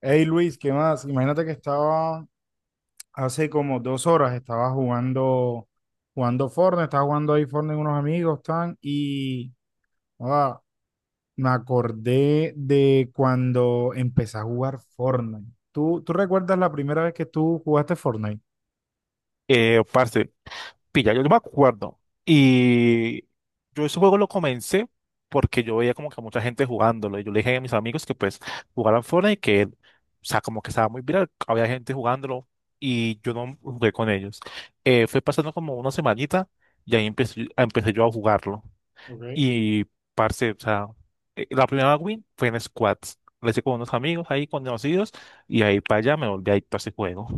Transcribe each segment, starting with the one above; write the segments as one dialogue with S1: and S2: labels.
S1: Hey Luis, ¿qué más? Imagínate que estaba hace como 2 horas, estaba jugando Fortnite, estaba jugando ahí Fortnite con unos amigos, tan, y ah, me acordé de cuando empecé a jugar Fortnite. ¿Tú recuerdas la primera vez que tú jugaste Fortnite?
S2: Parce, pilla, yo me acuerdo. Y yo ese juego lo comencé porque yo veía como que mucha gente jugándolo. Y yo le dije a mis amigos que pues jugaran Fortnite y que, o sea, como que estaba muy viral. Había gente jugándolo y yo no jugué con ellos. Fue pasando como una semanita y ahí empecé yo a jugarlo.
S1: Okay.
S2: Y, parce, o sea, la primera win fue en squads. Lo hice con unos amigos ahí conocidos y ahí para allá me volví adicto a ese juego.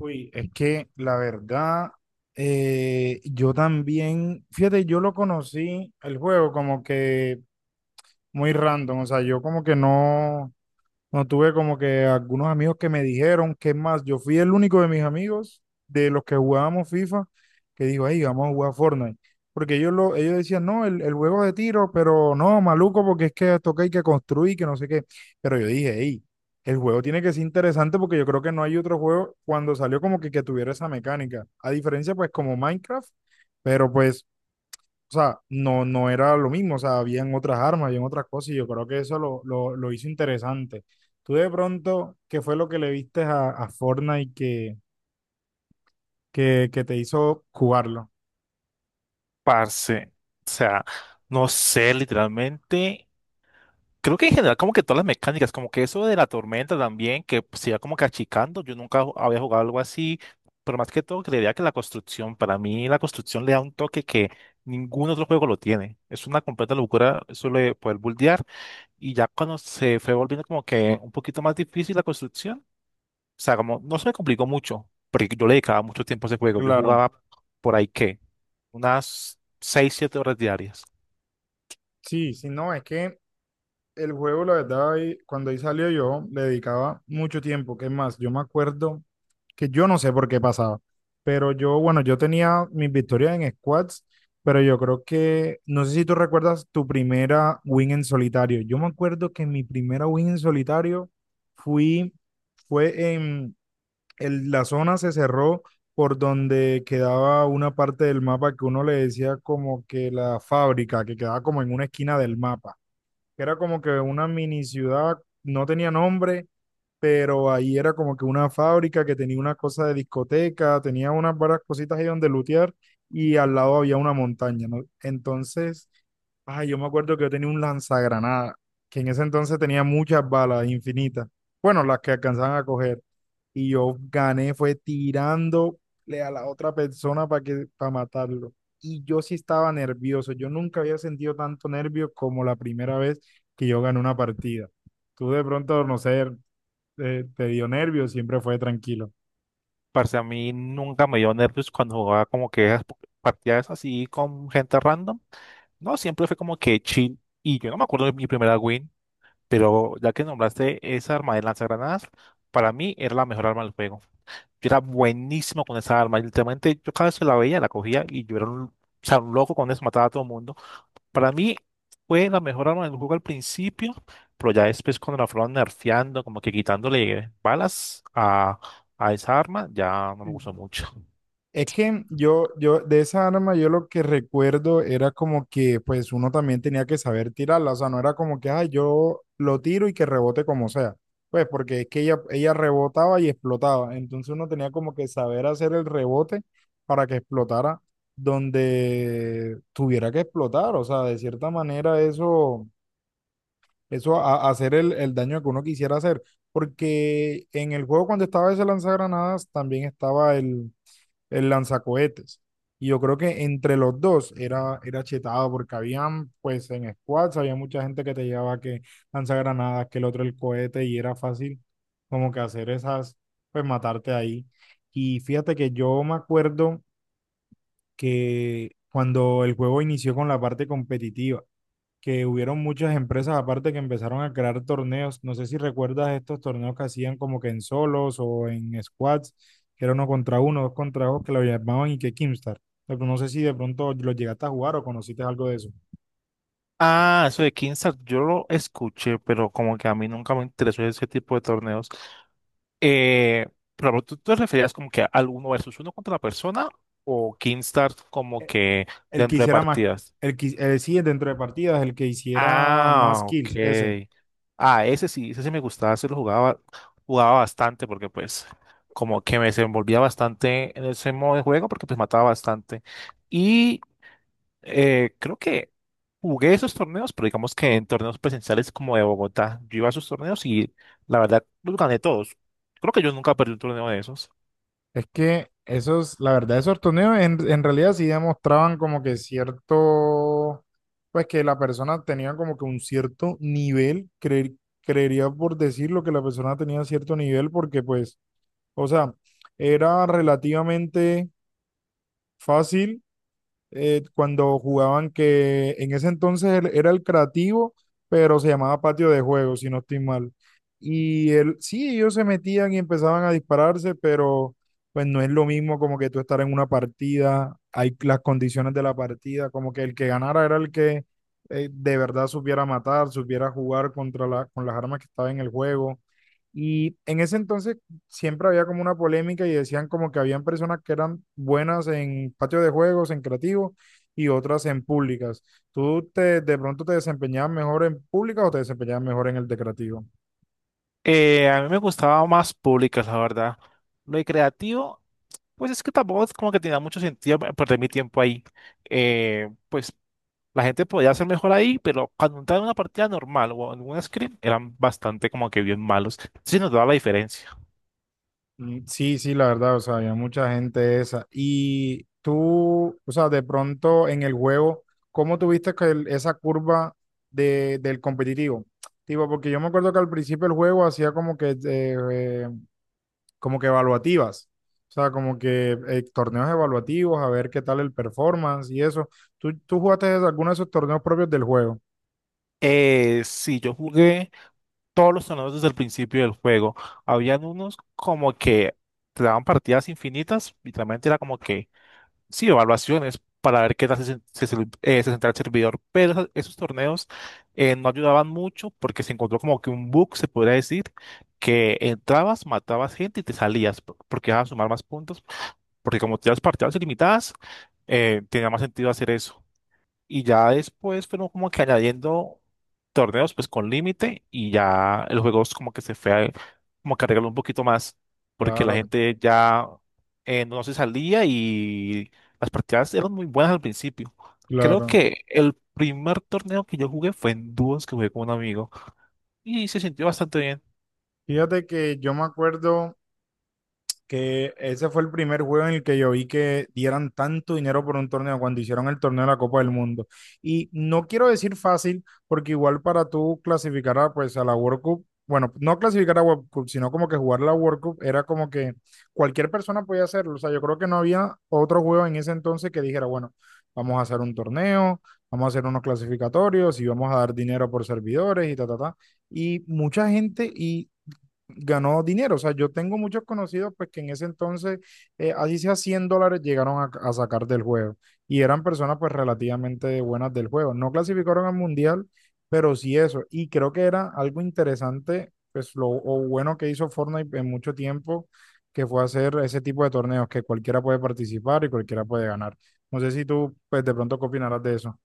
S1: Uy, es que la verdad, yo también, fíjate, yo lo conocí el juego como que muy random, o sea, yo como que no. No tuve como que algunos amigos que me dijeron que es más, yo fui el único de mis amigos de los que jugábamos FIFA que dijo, ahí vamos a jugar Fortnite. Porque ellos decían, no, el juego de tiro, pero no, maluco, porque es que toca hay que construir, que no sé qué. Pero yo dije, hey, el juego tiene que ser interesante porque yo creo que no hay otro juego cuando salió como que tuviera esa mecánica. A diferencia, pues, como Minecraft, pero pues o sea, no, no era lo mismo, o sea, habían otras armas, habían otras cosas, y yo creo que eso lo hizo interesante. Tú de pronto, ¿qué fue lo que le viste a Fortnite que, que te hizo jugarlo?
S2: Parce, o sea, no sé, literalmente, creo que en general como que todas las mecánicas, como que eso de la tormenta también, que pues, se iba como que achicando, yo nunca ju- había jugado algo así, pero más que todo creería que la construcción, para mí la construcción le da un toque que ningún otro juego lo tiene, es una completa locura eso de poder buldear, y ya cuando se fue volviendo como que un poquito más difícil la construcción, o sea, como no se me complicó mucho, porque yo le dedicaba mucho tiempo a ese juego, yo
S1: Claro,
S2: jugaba por ahí que unas 6 o 7 horas diarias.
S1: sí, sí, no, es que el juego, la verdad, ahí- cuando ahí salió yo, le dedicaba mucho tiempo. ¿Qué más? Yo me acuerdo que yo no sé por qué pasaba, pero yo, bueno, yo tenía mis victorias en squads, pero yo creo que, no sé si tú recuerdas tu primera win en solitario. Yo me acuerdo que mi primera win en solitario fui, fue el- la zona se cerró por donde quedaba una parte del mapa que uno le decía como que la fábrica, que quedaba como en una esquina del mapa que era como que una mini ciudad, no tenía nombre, pero ahí era como que una fábrica que tenía una cosa de discoteca, tenía unas varias cositas ahí donde lutear y al lado había una montaña, ¿no? Entonces, ay, yo me acuerdo que yo tenía un lanzagranada, que en ese entonces tenía muchas balas infinitas, bueno, las que alcanzaban a coger, y yo gané, fue tirándole a la otra persona para matarlo. Y yo sí estaba nervioso, yo nunca había sentido tanto nervio como la primera vez que yo gané una partida. Tú de pronto, no sé, te dio nervios, siempre fue tranquilo.
S2: Parce, a mí nunca me dio nervios cuando jugaba como que partidas así con gente random. No, siempre fue como que chill. Y yo no me acuerdo de mi primera win, pero ya que nombraste esa arma de lanzagranadas, para mí era la mejor arma del juego. Yo era buenísimo con esa arma. Literalmente, yo cada vez que la veía, la cogía y yo era un, o sea, un loco con eso, mataba a todo el mundo. Para mí fue la mejor arma del juego al principio, pero ya después cuando la fueron nerfeando, como que quitándole balas a esa arma, ya no me
S1: Sí.
S2: gustó mucho.
S1: Es que de esa arma, yo lo que recuerdo era como que, pues, uno también tenía que saber tirarla. O sea, no era como que, ah, yo lo tiro y que rebote como sea. Pues, porque es que ella rebotaba y explotaba. Entonces, uno tenía como que saber hacer el rebote para que explotara donde tuviera que explotar. O sea, de cierta manera, a hacer el daño que uno quisiera hacer. Porque en el juego cuando estaba ese lanzagranadas también estaba el lanzacohetes. Y yo creo que entre los dos era chetado porque habían, pues en squads, había mucha gente que te llevaba que lanzagranadas, que el otro el cohete y era fácil como que hacer esas, pues matarte ahí. Y fíjate que yo me acuerdo que cuando el juego inició con la parte competitiva, que hubieron muchas empresas aparte que empezaron a crear torneos. No sé si recuerdas estos torneos que hacían como que en solos o en squads, que era uno contra uno, dos contra dos, que lo llamaban y que Kimstar. Pero no sé si de pronto lo llegaste a jugar o conociste algo de eso.
S2: Ah, eso de Kingstart, yo lo escuché, pero como que a mí nunca me interesó ese tipo de torneos. Eh, pero tú te referías como que al uno versus uno contra la persona o Kingstart como
S1: Eh,
S2: que
S1: El que
S2: dentro de
S1: hiciera más,
S2: partidas.
S1: el que, sí, dentro de partidas, el que hiciera más
S2: Ah, ok.
S1: kills, ese.
S2: Ah, ese sí me gustaba, ese lo jugaba, jugaba bastante porque pues como que me desenvolvía bastante en ese modo de juego porque pues mataba bastante. Creo que jugué esos torneos, pero digamos que en torneos presenciales como de Bogotá, yo iba a esos torneos y la verdad los gané todos. Creo que yo nunca perdí un torneo de esos.
S1: Es que esos, la verdad, esos torneos en realidad sí demostraban como que cierto, pues que la persona tenía como que un cierto nivel, creería por decirlo que la persona tenía cierto nivel porque pues, o sea, era relativamente fácil cuando jugaban que en ese entonces él era el creativo, pero se llamaba patio de juego, si no estoy mal. Y él, sí, ellos se metían y empezaban a dispararse, pero pues no es lo mismo como que tú estar en una partida, hay las condiciones de la partida, como que el que ganara era el que de verdad supiera matar, supiera jugar contra la, con las armas que estaban en el juego. Y en ese entonces siempre había como una polémica y decían como que habían personas que eran buenas en patio de juegos, en creativo y otras en públicas. ¿Tú te, de pronto te desempeñabas mejor en públicas o te desempeñabas mejor en el de creativo?
S2: A mí me gustaba más públicas, la verdad. Lo de creativo, pues es que tampoco es como que tenía mucho sentido perder mi tiempo ahí. Pues la gente podía ser mejor ahí, pero cuando entraba en una partida normal o en un scrim, eran bastante como que bien malos. Sí nos daba la diferencia.
S1: Mm, sí, sí, la verdad, o sea, había mucha gente esa. Y tú, o sea, de pronto en el juego, ¿cómo tuviste que el- esa curva de, del competitivo? Tipo, porque yo me acuerdo que al principio el juego hacía eh, como que evaluativas. O sea, como que torneos evaluativos, a ver qué tal el performance y eso. ¿Tú jugaste alguno de esos torneos propios del juego?
S2: Sí, yo jugué todos los torneos desde el principio del juego. Habían unos como que te daban partidas infinitas, literalmente era como que, sí, evaluaciones para ver qué tal se sentía el servidor, pero esos torneos no ayudaban mucho porque se encontró como que un bug, se podría decir, que entrabas, matabas gente y te porque ibas a sumar más puntos, porque como tenías partidas ilimitadas, tenía más sentido hacer eso. Y ya después fueron como que añadiendo torneos pues con límite y ya el juego es como que como que arregló un poquito más porque la
S1: Claro,
S2: gente ya no se salía y las partidas eran muy buenas al principio. Creo
S1: claro.
S2: que el primer torneo que yo jugué fue en dúos que jugué con un amigo y se sintió bastante bien.
S1: Fíjate que yo me acuerdo que ese fue el primer juego en el que yo vi que dieran tanto dinero por un torneo cuando hicieron el torneo de la Copa del Mundo. Y no quiero decir fácil, porque igual para tú clasificar a, pues, a la World Cup, bueno, no clasificar a World Cup, sino como que jugar la World Cup era como que cualquier persona podía hacerlo. O sea, yo creo que no había otro juego en ese entonces que dijera, bueno, vamos a hacer un torneo, vamos a hacer unos clasificatorios y vamos a dar dinero por servidores y ta, ta, ta. Y mucha gente, y ganó dinero. O sea, yo tengo muchos conocidos pues que en ese entonces, así sea $100, llegaron a sacar del juego. Y eran personas pues relativamente buenas del juego. No clasificaron al mundial, pero sí eso. Y creo que era algo interesante, pues lo o bueno que hizo Fortnite en mucho tiempo, que fue hacer ese tipo de torneos que cualquiera puede participar y cualquiera puede ganar. No sé si tú pues de pronto qué opinarás de eso.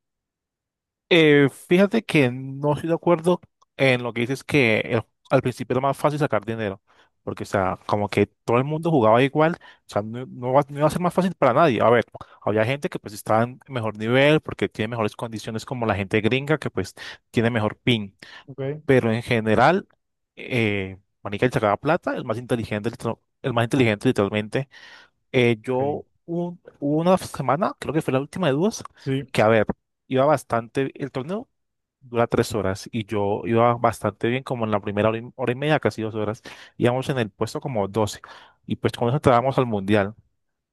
S2: Fíjate que no estoy de acuerdo en lo que dices al principio era más fácil sacar dinero, porque, o sea, como que todo el mundo jugaba igual, o sea, no iba a ser más fácil para nadie. A ver, había gente que pues estaba en mejor nivel porque tiene mejores condiciones como la gente gringa que pues tiene mejor ping,
S1: Ok,
S2: pero en general, eh, marica, el sacaba plata, el más inteligente, el más inteligente literalmente.
S1: ok.
S2: Hubo una semana, creo que fue la última de dos,
S1: Sí.
S2: que a ver, iba bastante el torneo, dura 3 horas y yo iba bastante bien, como en la primera hora y, hora y media, casi 2 horas, íbamos en el puesto como 12 y pues con eso entrábamos al mundial,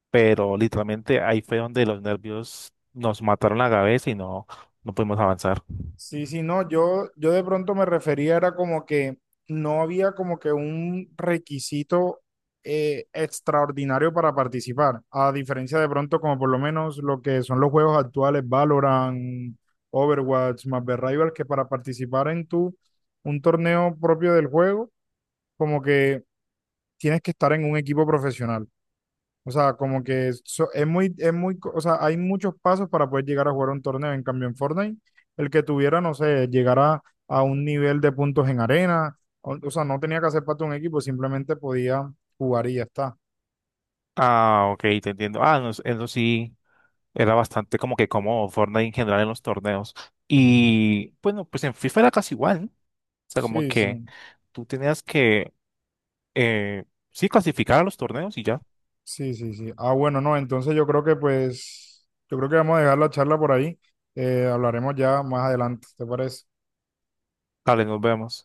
S2: pero literalmente ahí fue donde los nervios nos mataron la cabeza y no, no pudimos avanzar.
S1: Sí, sí, no, yo de pronto me refería, era como que no había como que un requisito extraordinario para participar, a diferencia de pronto como por lo menos lo que son los juegos actuales, Valorant, Overwatch, Marvel Rivals, que para participar un torneo propio del juego, como que tienes que estar en un equipo profesional. O sea, como que es muy, o sea, hay muchos pasos para poder llegar a jugar un torneo. En cambio, en Fortnite, el que tuviera, no sé, llegara a un nivel de puntos en arena, o sea, no tenía que hacer parte de un equipo, simplemente podía jugar y ya está.
S2: Ah, ok, te entiendo. Ah, no, eso sí, era bastante como que como Fortnite en general en los torneos. Y bueno, pues en FIFA era casi igual, ¿no? O sea, como
S1: Sí, sí,
S2: que tú tenías que, eh, sí, clasificar a los torneos y ya.
S1: sí, sí, sí. Ah, bueno, no, entonces yo creo que yo creo que vamos a dejar la charla por ahí. Hablaremos ya más adelante, ¿te parece?
S2: Vale, nos vemos.